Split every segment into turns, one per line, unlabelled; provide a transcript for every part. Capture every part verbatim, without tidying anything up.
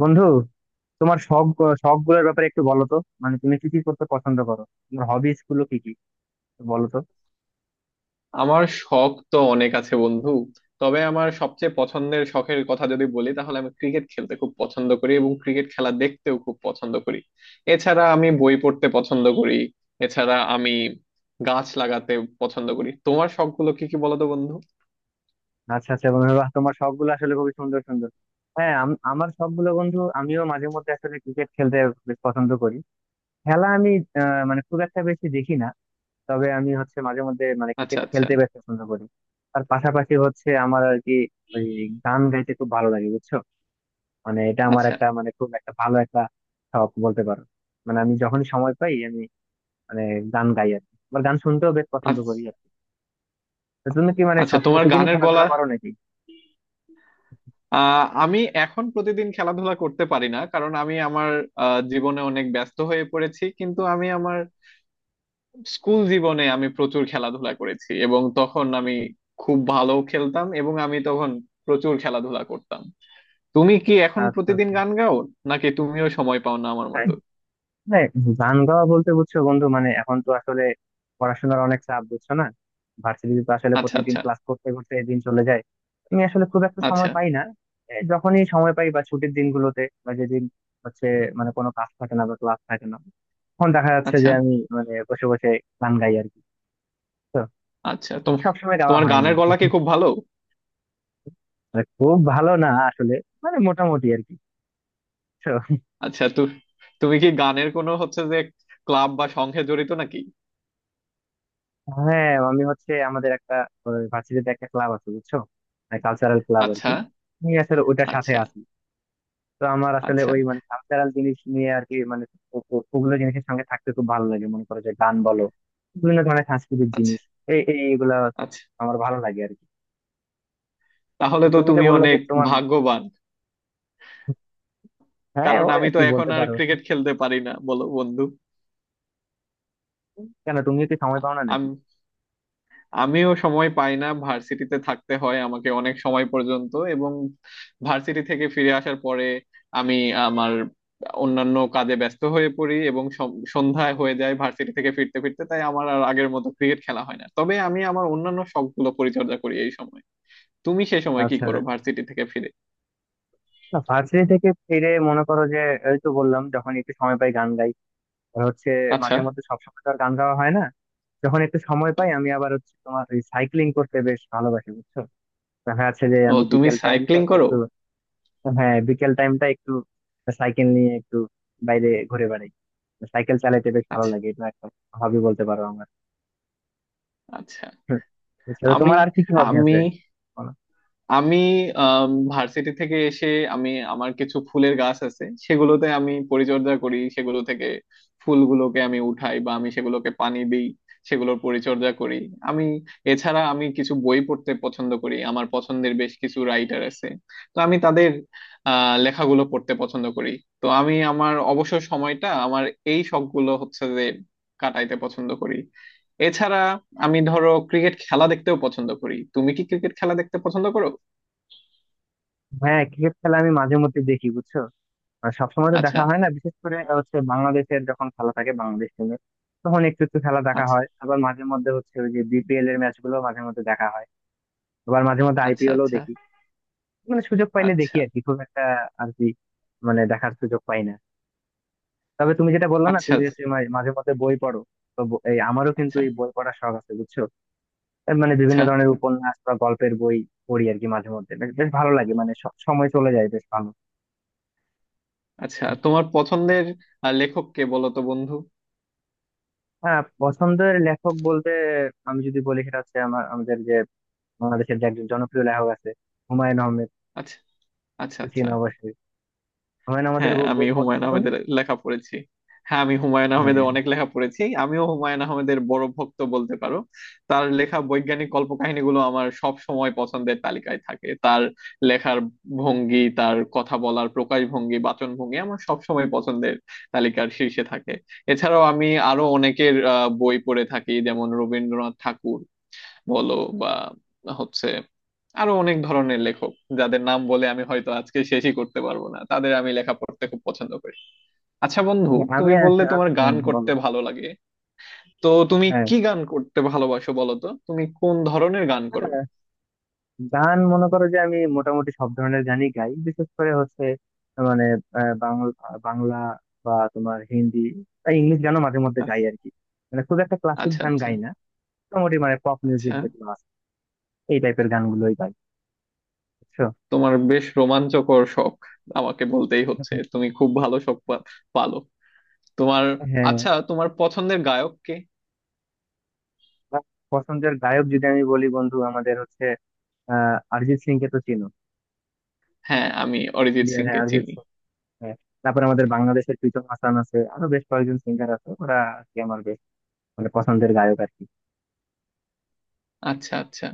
বন্ধু, তোমার শখ শখ গুলোর ব্যাপারে একটু বলো তো। মানে তুমি কি কি করতে পছন্দ করো? তোমার হবিস গুলো কি কি, একটু বলো তো।
আমার শখ তো অনেক আছে বন্ধু। তবে আমার সবচেয়ে পছন্দের শখের কথা যদি বলি তাহলে আমি ক্রিকেট খেলতে খুব পছন্দ করি এবং ক্রিকেট খেলা দেখতেও খুব পছন্দ করি। এছাড়া আমি বই পড়তে পছন্দ করি। এছাড়া আমি গাছ লাগাতে পছন্দ করি। তোমার শখগুলো কি কি বলো তো বন্ধু?
আচ্ছা আচ্ছা বন্ধু, বাহ, তোমার শখ গুলো আসলে খুবই সুন্দর সুন্দর। হ্যাঁ, আম- আমার শখ গুলো বন্ধু, আমিও মাঝে মধ্যে আসলে ক্রিকেট খেলতে বেশ পছন্দ করি। খেলা আমি আহ, মানে খুব একটা বেশি দেখি না। তবে আমি হচ্ছে মাঝে মধ্যে মানে
আচ্ছা,
ক্রিকেট
আচ্ছা।
খেলতে বেশ পছন্দ করি। তার পাশাপাশি হচ্ছে আমার আর কি, ওই গান গাইতে খুব ভালো লাগে, বুঝছো। মানে এটা আমার
আচ্ছা,
একটা মানে খুব একটা ভালো একটা শখ বলতে পারো। মানে আমি যখনই সময় পাই, আমি মানে গান গাই আর কি, আমার গান শুনতেও বেশ পছন্দ
আচ্ছা।
করি আর কি। তো তুমি কি মানে
আচ্ছা,
সব
তোমার
প্রতিদিনই
গানের
খেলাধুলা
গলা।
করো নাকি?
আহ আমি এখন প্রতিদিন খেলাধুলা করতে পারি না, কারণ আমি আমার আহ, জীবনে অনেক ব্যস্ত হয়ে পড়েছি। কিন্তু আমি আমার স্কুল জীবনে আমি প্রচুর খেলাধুলা করেছি এবং তখন আমি খুব ভালো খেলতাম, এবং আমি তখন প্রচুর খেলাধুলা করতাম। তুমি কি এখন
আচ্ছা
প্রতিদিন
আচ্ছা।
গান গাও, নাকি তুমিও সময় পাও না আমার
হ্যাঁ,
মতো?
হ্যাঁ, গান গাওয়া বলতে বুঝছো বন্ধু, মানে এখন তো আসলে পড়াশোনার অনেক চাপ, বুঝছো না। ভার্সিটিতে তো আসলে
আচ্ছা,
প্রত্যেকদিন
আচ্ছা।
ক্লাস করতে করতে দিন চলে যায়, আমি আসলে খুব একটা
আচ্ছা,
সময় পাই না। এই যখনই সময় পাই বা ছুটির দিনগুলোতে বা যেদিন হচ্ছে মানে কোনো কাজ থাকে না বা ক্লাস থাকে না, তখন দেখা যাচ্ছে
আচ্ছা।
যে আমি মানে বসে বসে গান গাই আর কি। তো
আচ্ছা, তোম
সবসময় গাওয়া
তোমার
হয় না
গানের
আর কি।
গলা কি খুব ভালো?
মানে খুব ভালো না আসলে, মানে মোটামুটি আর কি, বুঝছো?
আচ্ছা, তু তুমি কি গানের কোনো হচ্ছে যে ক্লাব বা সংঘে জড়িত নাকি?
হ্যাঁ আমি হচ্ছে আমাদের একটা ভার্সিটিতে একটা ক্লাব আছে, বুঝছো, কালচারাল ক্লাব আর
আচ্ছা।
কি, আমি আসলে ওইটার সাথে
আচ্ছা।
আছি। তো আমার আসলে
আচ্ছা।
ওই মানে কালচারাল জিনিস নিয়ে আর কি, মানে ও- ও- ওগুলো জিনিসের সঙ্গে থাকতে খুব ভালো লাগে, মনে করো যে গান বলো, বিভিন্ন ধরনের সাংস্কৃতিক
আচ্ছা।
জিনিস, এই এই- এইগুলা
আচ্ছা।
আমার ভালো লাগে আর কি। তো
তাহলে তো
তুমি যে
তুমি
বললো যে
অনেক
তোমার,
ভাগ্যবান,
হ্যাঁ
কারণ
ও
আমি
আর
তো
কি
এখন
বলতে
আর
পারো।
ক্রিকেট খেলতে পারি না, বলো বন্ধু।
কেন, তুমি কি সময় পাও না নাকি?
আমি আমিও সময় পাই না, ভার্সিটিতে থাকতে হয় আমাকে অনেক সময় পর্যন্ত। এবং ভার্সিটি থেকে ফিরে আসার পরে আমি আমার অন্যান্য কাজে ব্যস্ত হয়ে পড়ি, এবং সম- সন্ধ্যায় হয়ে যায় ভার্সিটি থেকে ফিরতে ফিরতে। তাই আমার আর আগের মতো ক্রিকেট খেলা হয় না, তবে আমি আমার অন্যান্য শখগুলো পরিচর্যা করি এই সময়। তুমি সে সময় কি
আচ্ছা।
করো ভার্সিটি থেকে ফিরে?
না, ভার্সিটি থেকে ফিরে মনে করো যে এই তো বললাম যখন একটু সময় পাই গান গাই। আর হচ্ছে
আচ্ছা।
মাঝে মধ্যে সবসময় তো আর গান গাওয়া হয় না। যখন একটু সময় পাই, আমি আবার হচ্ছে তোমার ওই সাইক্লিং করতে বেশ ভালোবাসি, বুঝছো। দেখা যাচ্ছে যে
ও,
আমি
তুমি
বিকেল টাইমটা
সাইক্লিং করো?
একটু, হ্যাঁ, বিকেল টাইমটা একটু সাইকেল নিয়ে একটু বাইরে ঘুরে বেড়াই। সাইকেল চালাইতে বেশ ভালো
আচ্ছা,
লাগে, এটা একটা হবি বলতে পারো আমার,
আচ্ছা।
বুঝছো। তো
আমি
তোমার আর কি কি হবি
আমি
আছে, বলো।
আমি ভার্সিটি থেকে এসে আমি, আমার কিছু ফুলের গাছ আছে, সেগুলোতে আমি পরিচর্যা করি। সেগুলো থেকে ফুলগুলোকে আমি উঠাই, বা আমি সেগুলোকে পানি দিই, সেগুলোর পরিচর্যা করি। আমি, এছাড়া আমি কিছু বই পড়তে পছন্দ করি। আমার পছন্দের বেশ কিছু রাইটার আছে, তো আমি তাদের আহ লেখাগুলো পড়তে পছন্দ করি। তো আমি আমার অবসর সময়টা আমার এই শখগুলো হচ্ছে যে কাটাইতে পছন্দ করি। এছাড়া আমি ধরো ক্রিকেট খেলা দেখতেও পছন্দ করি। তুমি কি ক্রিকেট খেলা দেখতে পছন্দ করো?
হ্যাঁ, ক্রিকেট খেলা আমি মাঝে মধ্যে দেখি, বুঝছো। আর সবসময় তো
আচ্ছা।
দেখা হয় না, বিশেষ করে হচ্ছে বাংলাদেশের যখন খেলা থাকে, বাংলাদেশ টিমের, তখন একটু একটু খেলা দেখা
আচ্ছা।
হয়। আবার মাঝে মধ্যে হচ্ছে ওই যে বিপিএল এর ম্যাচ গুলো মাঝে মধ্যে দেখা হয়, আবার মাঝে মধ্যে আইপিএল ও
আচ্ছা।
দেখি। মানে সুযোগ পাইলে দেখি
আচ্ছা।
আর কি, খুব একটা আর কি মানে দেখার সুযোগ পাই না। তবে তুমি যেটা বললা না,
আচ্ছা,
তুমি
আচ্ছা
হচ্ছে মা- মাঝে মধ্যে বই পড়ো, তো ব- এই আমারও কিন্তু
আচ্ছা
এই বই পড়ার শখ আছে, বুঝছো। এর মানে বিভিন্ন
আচ্ছা
ধরনের উপন্যাস বা গল্পের বই পড়ি আর কি, মাঝে মধ্যে বেশ বেশ ভালো লাগে, মানে স- সময় চলে যায় বেশ ভালো।
আচ্ছা তোমার পছন্দের আহ, লেখক কে বলো তো বন্ধু?
হ্যাঁ, পছন্দের লেখক বলতে আমি যদি বলি, সেটা হচ্ছে আমার, আমাদের যে বাংলাদেশের যে একজন জনপ্রিয় লেখক আছে, হুমায়ুন আহমেদ।
আচ্ছা আচ্ছা,
তো
আচ্ছা।
চিনো অবশ্যই, হুমায়ুন আমাদের
হ্যাঁ, আমি
বই পছন্দ
হুমায়ুন
তুমি?
আহমেদের লেখা পড়েছি। হ্যাঁ, আমি হুমায়ুন আহমেদের
হ্যাঁ,
অনেক লেখা পড়েছি। আমিও হুমায়ুন আহমেদের বড় ভক্ত বলতে পারো। তার লেখা বৈজ্ঞানিক কল্পকাহিনীগুলো আমার সব সময় পছন্দের তালিকায় থাকে। তার লেখার ভঙ্গি, তার কথা বলার প্রকাশভঙ্গি, বাচনভঙ্গি আমার সব সময় পছন্দের তালিকার শীর্ষে থাকে। এছাড়াও আমি আরো অনেকের আহ, বই পড়ে থাকি, যেমন রবীন্দ্রনাথ ঠাকুর বলো, বা হচ্ছে আরো অনেক ধরনের লেখক, যাদের নাম বলে আমি হয়তো আজকে শেষই করতে পারবো না, তাদের আমি লেখা পড়তে খুব পছন্দ করি। আচ্ছা বন্ধু,
হ্যাঁ, আমি
তুমি
আস-
বললে
আ-
তোমার গান
হুম, বলো।
করতে ভালো লাগে, তো তুমি
হ্যাঁ,
কি গান করতে ভালোবাসো, বলো তো তুমি কোন ধরনের গান করো?
হ্যাঁ, গান মনে করো যে আমি মোটামুটি সব ধরনের গানই গাই, বিশেষ করে হচ্ছে মানে আহ, বাংলা বাংলা বা তোমার হিন্দি বা ইংলিশ গানও মাঝে মধ্যে গাই আর কি। মানে খুব একটা ক্লাসিক
আচ্ছা,
গান
আচ্ছা।
গাই না, মোটামুটি মানে পপ মিউজিক
আচ্ছা
যেগুলো আছে এই টাইপের গানগুলোই গাই, বুঝছো।
তোমার বেশ রোমাঞ্চকর শখ। আমাকে বলতেই হচ্ছে তুমি খুব ভালো শখ পা- পালো তোমার।
হ্যাঁ,
আচ্ছা, তোমার পছন্দের গায়ক কে?
আমার পছন্দের গায়ক যদি আমি বলি বন্ধু, আমাদের হচ্ছে আহ অরিজিৎ সিং কে তো চিনো,
হ্যাঁ, আমি অরিজিৎ
ইন্ডিয়ার,
সিং
হ্যাঁ,
কে
অরিজিৎ
চিনি।
সিং, হ্যাঁ। তারপরে আমাদের বাংলাদেশের লিটন হাসান আছে, আরো বেশ কয়েকজন সিঙ্গার আছে, ওরা আর কি আমার বেশ মানে পছন্দের গায়ক আর কি।
আচ্ছা, আচ্ছা।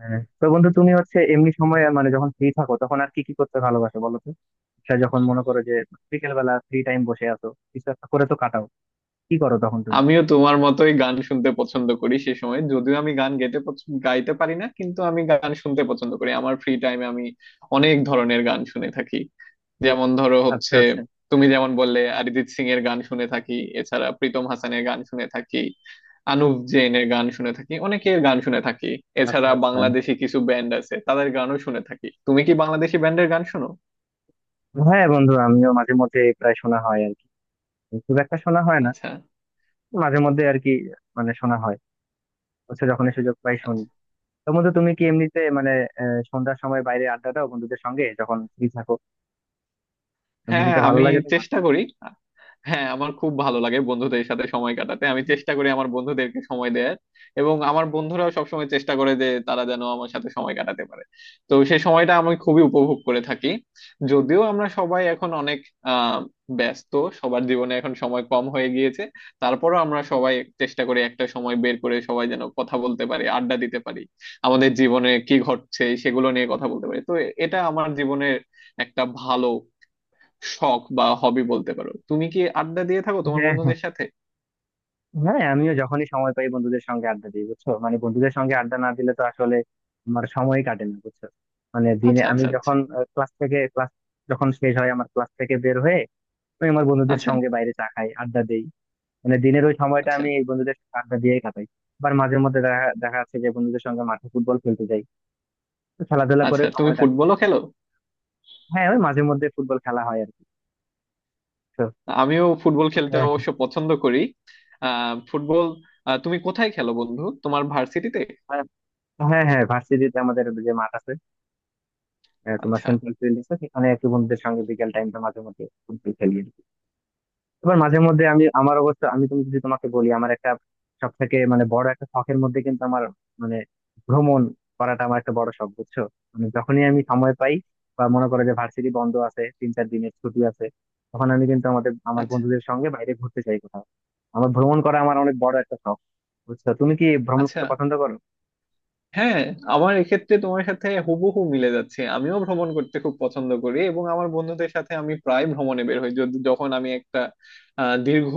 হ্যাঁ। তো বন্ধু, তুমি হচ্ছে এমনি সময় মানে যখন ফ্রি থাকো তখন আর কি কি করতে ভালোবাসো, বলো তো। সেটা যখন মনে করো যে বিকেল বেলা ফ্রি টাইম বসে আছো, কিছু একটা করে তো কাটাও, কি করো তখন তুমি?
আমিও তোমার মতোই গান শুনতে পছন্দ করি সে সময়, যদিও আমি গান গাইতে পছ- গাইতে পারি না, কিন্তু আমি গান শুনতে পছন্দ করি। আমার ফ্রি টাইমে আমি অনেক ধরনের গান শুনে থাকি। যেমন ধরো
আচ্ছা
হচ্ছে
আচ্ছা।
তুমি যেমন বললে, অরিজিৎ সিং এর গান শুনে থাকি, এছাড়া প্রীতম হাসানের গান শুনে থাকি, আনুপ জৈনের গান শুনে থাকি, অনেকের গান শুনে থাকি।
আচ্ছা
এছাড়া
আচ্ছা।
বাংলাদেশি কিছু ব্যান্ড আছে, তাদের গানও শুনে থাকি। তুমি কি বাংলাদেশি ব্যান্ডের গান শোনো?
হ্যাঁ বন্ধু, আমিও মাঝে মধ্যে প্রায় শোনা হয় আর কি, খুব একটা শোনা হয় না,
আচ্ছা,
মাঝে মধ্যে আর কি। মানে শোনা হয় হচ্ছে যখনই সুযোগ পাই শুনি।
আচ্ছা।
তো বন্ধু, তুমি কি এমনিতে মানে আহ, সন্ধ্যার সময় বাইরে আড্ডা দাও বন্ধুদের সঙ্গে যখন ফ্রি থাকো? বন্ধু
হ্যাঁ,
দিতে ভালো
আমি
লাগে তোমার?
চেষ্টা করি। হ্যাঁ, আমার খুব ভালো লাগে বন্ধুদের সাথে সময় কাটাতে। আমি চেষ্টা করি আমার বন্ধুদেরকে সময় দেয়ার, এবং আমার বন্ধুরাও সবসময় চেষ্টা করে যে তারা যেন আমার সাথে সময় কাটাতে পারে। তো সেই সময়টা আমি খুবই উপভোগ করে থাকি। যদিও আমরা সবাই এখন অনেক আহ ব্যস্ত, সবার জীবনে এখন সময় কম হয়ে গিয়েছে, তারপরও আমরা সবাই চেষ্টা করি একটা সময় বের করে, সবাই যেন কথা বলতে পারি, আড্ডা দিতে পারি, আমাদের জীবনে কি ঘটছে সেগুলো নিয়ে কথা বলতে পারি। তো এটা আমার জীবনের একটা ভালো শখ বা হবি বলতে পারো। তুমি কি আড্ডা দিয়ে থাকো তোমার
হ্যাঁ, হ্যাঁ,
বন্ধুদের সাথে?
হ্যাঁ, আমিও যখনই সময় পাই বন্ধুদের সঙ্গে আড্ডা দিই, বুঝছো। মানে বন্ধুদের সঙ্গে আড্ডা না দিলে তো আসলে আমার সময় কাটে না, বুঝছো। মানে দিনে
আচ্ছা।
আমি
আচ্ছা। আচ্ছা।
যখন ক্লাস থেকে ক্লাস যখন শেষ হয়, আমার ক্লাস থেকে বের হয়ে আমি আমার বন্ধুদের
আচ্ছা
সঙ্গে বাইরে চা খাই, আড্ডা দেই। মানে দিনের ওই সময়টা
আচ্ছা
আমি এই বন্ধুদের সঙ্গে আড্ডা দিয়েই কাটাই। আবার মাঝে মধ্যে দেখা দেখা যাচ্ছে যে বন্ধুদের সঙ্গে মাঠে ফুটবল খেলতে যাই, তো খেলাধুলা করে
আচ্ছা তুমি
সময় কাটে।
ফুটবলও খেলো?
হ্যাঁ ওই মাঝে মধ্যে ফুটবল খেলা হয় আর কি। তো,
আমিও ফুটবল খেলতে অবশ্য পছন্দ করি। আহ ফুটবল আহ, তুমি কোথায় খেলো বন্ধু, তোমার ভার্সিটিতে?
আহ, হ্যাঁ হ্যাঁ, ভার্সিটিতে আমাদের যে মাঠ আছে, আহ, তোমার
আচ্ছা
সেন্ট্রাল ফিল্ড আছে, সেখানে একটু বন্ধুদের সঙ্গে বিকেল টাইমটা মাঝে মধ্যে ফুটবল খেলি আর কি। এবার মাঝে মধ্যে আমি আমার অবস্থা, আমি তুমি যদি তোমাকে বলি, আমার একটা সব থেকে মানে বড় একটা শখের মধ্যে কিন্তু আমার মানে ভ্রমণ করাটা আমার একটা বড় শখ, বুঝছো। মানে যখনই আমি সময় পাই বা মনে করো যে ভার্সিটি বন্ধ আছে, তিন চার দিনের ছুটি আছে, তখন আমি কিন্তু আমাদের, আমার
আচ্ছা,
বন্ধুদের সঙ্গে বাইরে ঘুরতে চাই কোথাও। আমার ভ্রমণ করা আমার অনেক বড় একটা শখ, বুঝছো। তুমি কি ভ্রমণ
আচ্ছা।
করতে পছন্দ করো?
হ্যাঁ, আমার এক্ষেত্রে তোমার সাথে হুবহু মিলে যাচ্ছে। আমিও ভ্রমণ করতে খুব পছন্দ করি, এবং আমার বন্ধুদের সাথে আমি প্রায় ভ্রমণে বের হই। যদি- যখন আমি একটা আহ, দীর্ঘ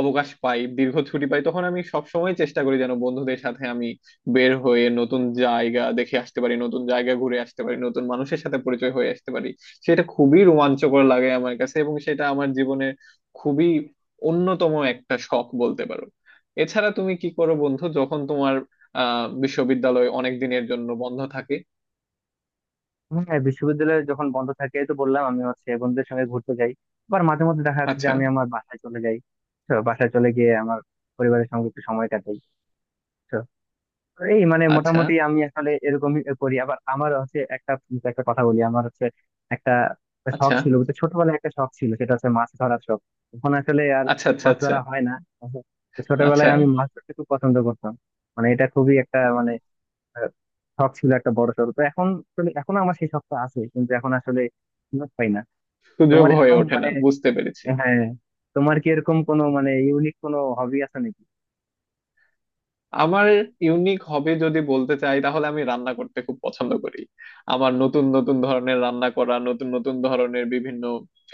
অবকাশ পাই, দীর্ঘ ছুটি পাই, তখন আমি সবসময় চেষ্টা করি যেন বন্ধুদের সাথে আমি বের হয়ে নতুন জায়গা দেখে আসতে পারি, নতুন জায়গা ঘুরে আসতে পারি, নতুন মানুষের সাথে পরিচয় হয়ে আসতে পারি। সেটা খুবই রোমাঞ্চকর লাগে আমার কাছে, এবং সেটা আমার জীবনের খুবই অন্যতম একটা শখ বলতে পারো। এছাড়া তুমি কি করো বন্ধু, যখন তোমার আহ বিশ্ববিদ্যালয় অনেক দিনের জন্য বন্ধ থাকে?
হ্যাঁ, বিশ্ববিদ্যালয়ে যখন বন্ধ থাকে, এই তো বললাম আমি হচ্ছে বন্ধুদের সঙ্গে ঘুরতে যাই। আবার মাঝে মধ্যে দেখা যাচ্ছে যে
আচ্ছা
আমি আমার বাসায় চলে যাই, তো বাসায় চলে গিয়ে আমার পরিবারের সঙ্গে একটু সময় কাটাই। তো এই মানে
আচ্ছা
মোটামুটি আমি আসলে এরকমই করি। আবার আমার হচ্ছে একটা, তোমাকে একটা কথা বলি, আমার হচ্ছে একটা শখ
আচ্ছা
ছিল, বুঝছো? ছোটবেলায় একটা শখ ছিল, সেটা হচ্ছে মাছ ধরার শখ। এখন আসলে আর
আচ্ছা আচ্ছা।
মাছ
আচ্ছা।
ধরা হয় না, তো
আচ্ছা।
ছোটবেলায় আমি মাছ ধরতে খুব পছন্দ করতাম। মানে এটা খুবই একটা মানে আহ, শখ ছিল একটা বড় সড়ো, তো এখন আসলে এখনো আমার সেই শখটা আছে কিন্তু এখন আসলে সুযোগ পাই না।
সুযোগ
তোমার
হয়ে
এরকম
ওঠে
মানে,
না, বুঝতে পেরেছি।
হ্যাঁ, তোমার কি এরকম কোনো মানে ইউনিক কোনো হবি আছে নাকি?
আমার ইউনিক হবে যদি বলতে চাই, তাহলে আমি রান্না করতে খুব পছন্দ করি। আমার নতুন নতুন ধরনের রান্না করা, নতুন নতুন ধরনের বিভিন্ন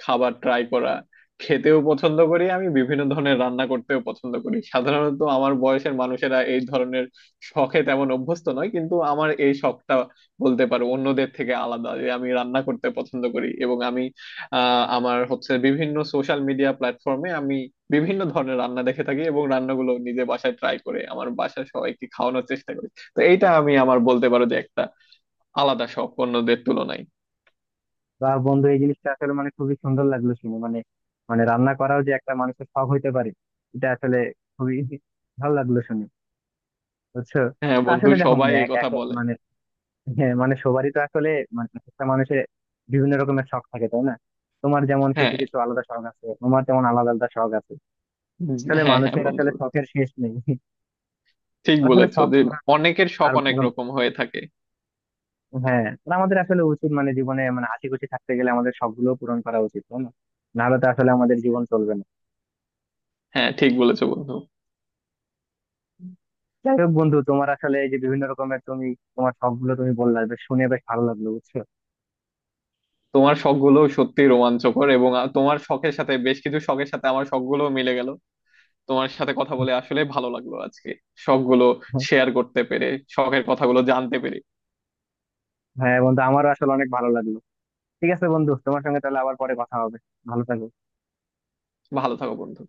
খাবার ট্রাই করা, খেতেও পছন্দ করি। আমি বিভিন্ন ধরনের রান্না করতেও পছন্দ করি। সাধারণত আমার বয়সের মানুষেরা এই ধরনের শখে তেমন অভ্যস্ত নয়, কিন্তু আমার এই শখটা বলতে পারো অন্যদের থেকে আলাদা, যে আমি রান্না করতে পছন্দ করি। এবং আমি আহ, আমার হচ্ছে বিভিন্ন সোশ্যাল মিডিয়া প্ল্যাটফর্মে আমি বিভিন্ন ধরনের রান্না দেখে থাকি, এবং রান্নাগুলো নিজে বাসায় ট্রাই করে আমার বাসার সবাইকে খাওয়ানোর চেষ্টা করি। তো এইটা আমি আমার বলতে পারো যে একটা আলাদা শখ অন্যদের তুলনায়।
বা বন্ধু, এই জিনিসটা আসলে মানে খুবই সুন্দর লাগলো শুনে। মানে মানে রান্না করাও যে একটা মানুষের শখ হইতে পারে, এটা আসলে খুবই ভালো লাগলো শুনে, বুঝছো।
হ্যাঁ
তো
বন্ধু,
আসলে দেখো মানে
সবাই এই
এক
কথা
এক-
বলে।
মানে হ্যাঁ মানে সবারই তো আসলে মানে একটা মানুষের বিভিন্ন রকমের শখ থাকে, তাই না? তোমার যেমন কিছু
হ্যাঁ।
কিছু আলাদা শখ আছে, তোমার যেমন আলাদা আলাদা শখ আছে।
উম,
আসলে
হ্যাঁ, হ্যাঁ
মানুষের
বন্ধু,
আসলে শখের শেষ নেই,
ঠিক
আসলে
বলেছো
শখ
যে
ছাড়া
অনেকের শখ
আর
অনেক
মানে-
রকম হয়ে থাকে।
হ্যাঁ, আর আমাদের আসলে উচিত মানে জীবনে মানে আশি খুশি থাকতে গেলে আমাদের শখগুলো পূরণ করা উচিত, তাই না? নাহলে তো আসলে আমাদের জীবন চলবে না।
হ্যাঁ, ঠিক বলেছো বন্ধু।
যাই হোক বন্ধু, তোমার আসলে এই যে বিভিন্ন রকমের তুমি, তোমার শখ গুলো তুমি বললা, বেশ শুনে বেশ ভালো লাগলো, বুঝছো।
তোমার শখগুলো সত্যি রোমাঞ্চকর, এবং আ- তোমার শখের সাথে, বেশ কিছু শখের সাথে আমার শখগুলো মিলে গেল। তোমার সাথে কথা বলে আসলে ভালো লাগলো আজকে, সবগুলো শেয়ার করতে পেরে, শখের কথাগুলো জানতে পেরে।
হ্যাঁ বন্ধু, আমারও আসলে অনেক ভালো লাগলো। ঠিক আছে বন্ধু, তোমার সঙ্গে তাহলে আবার পরে কথা হবে। ভালো থাকো।
ভালো থাকো বন্ধু।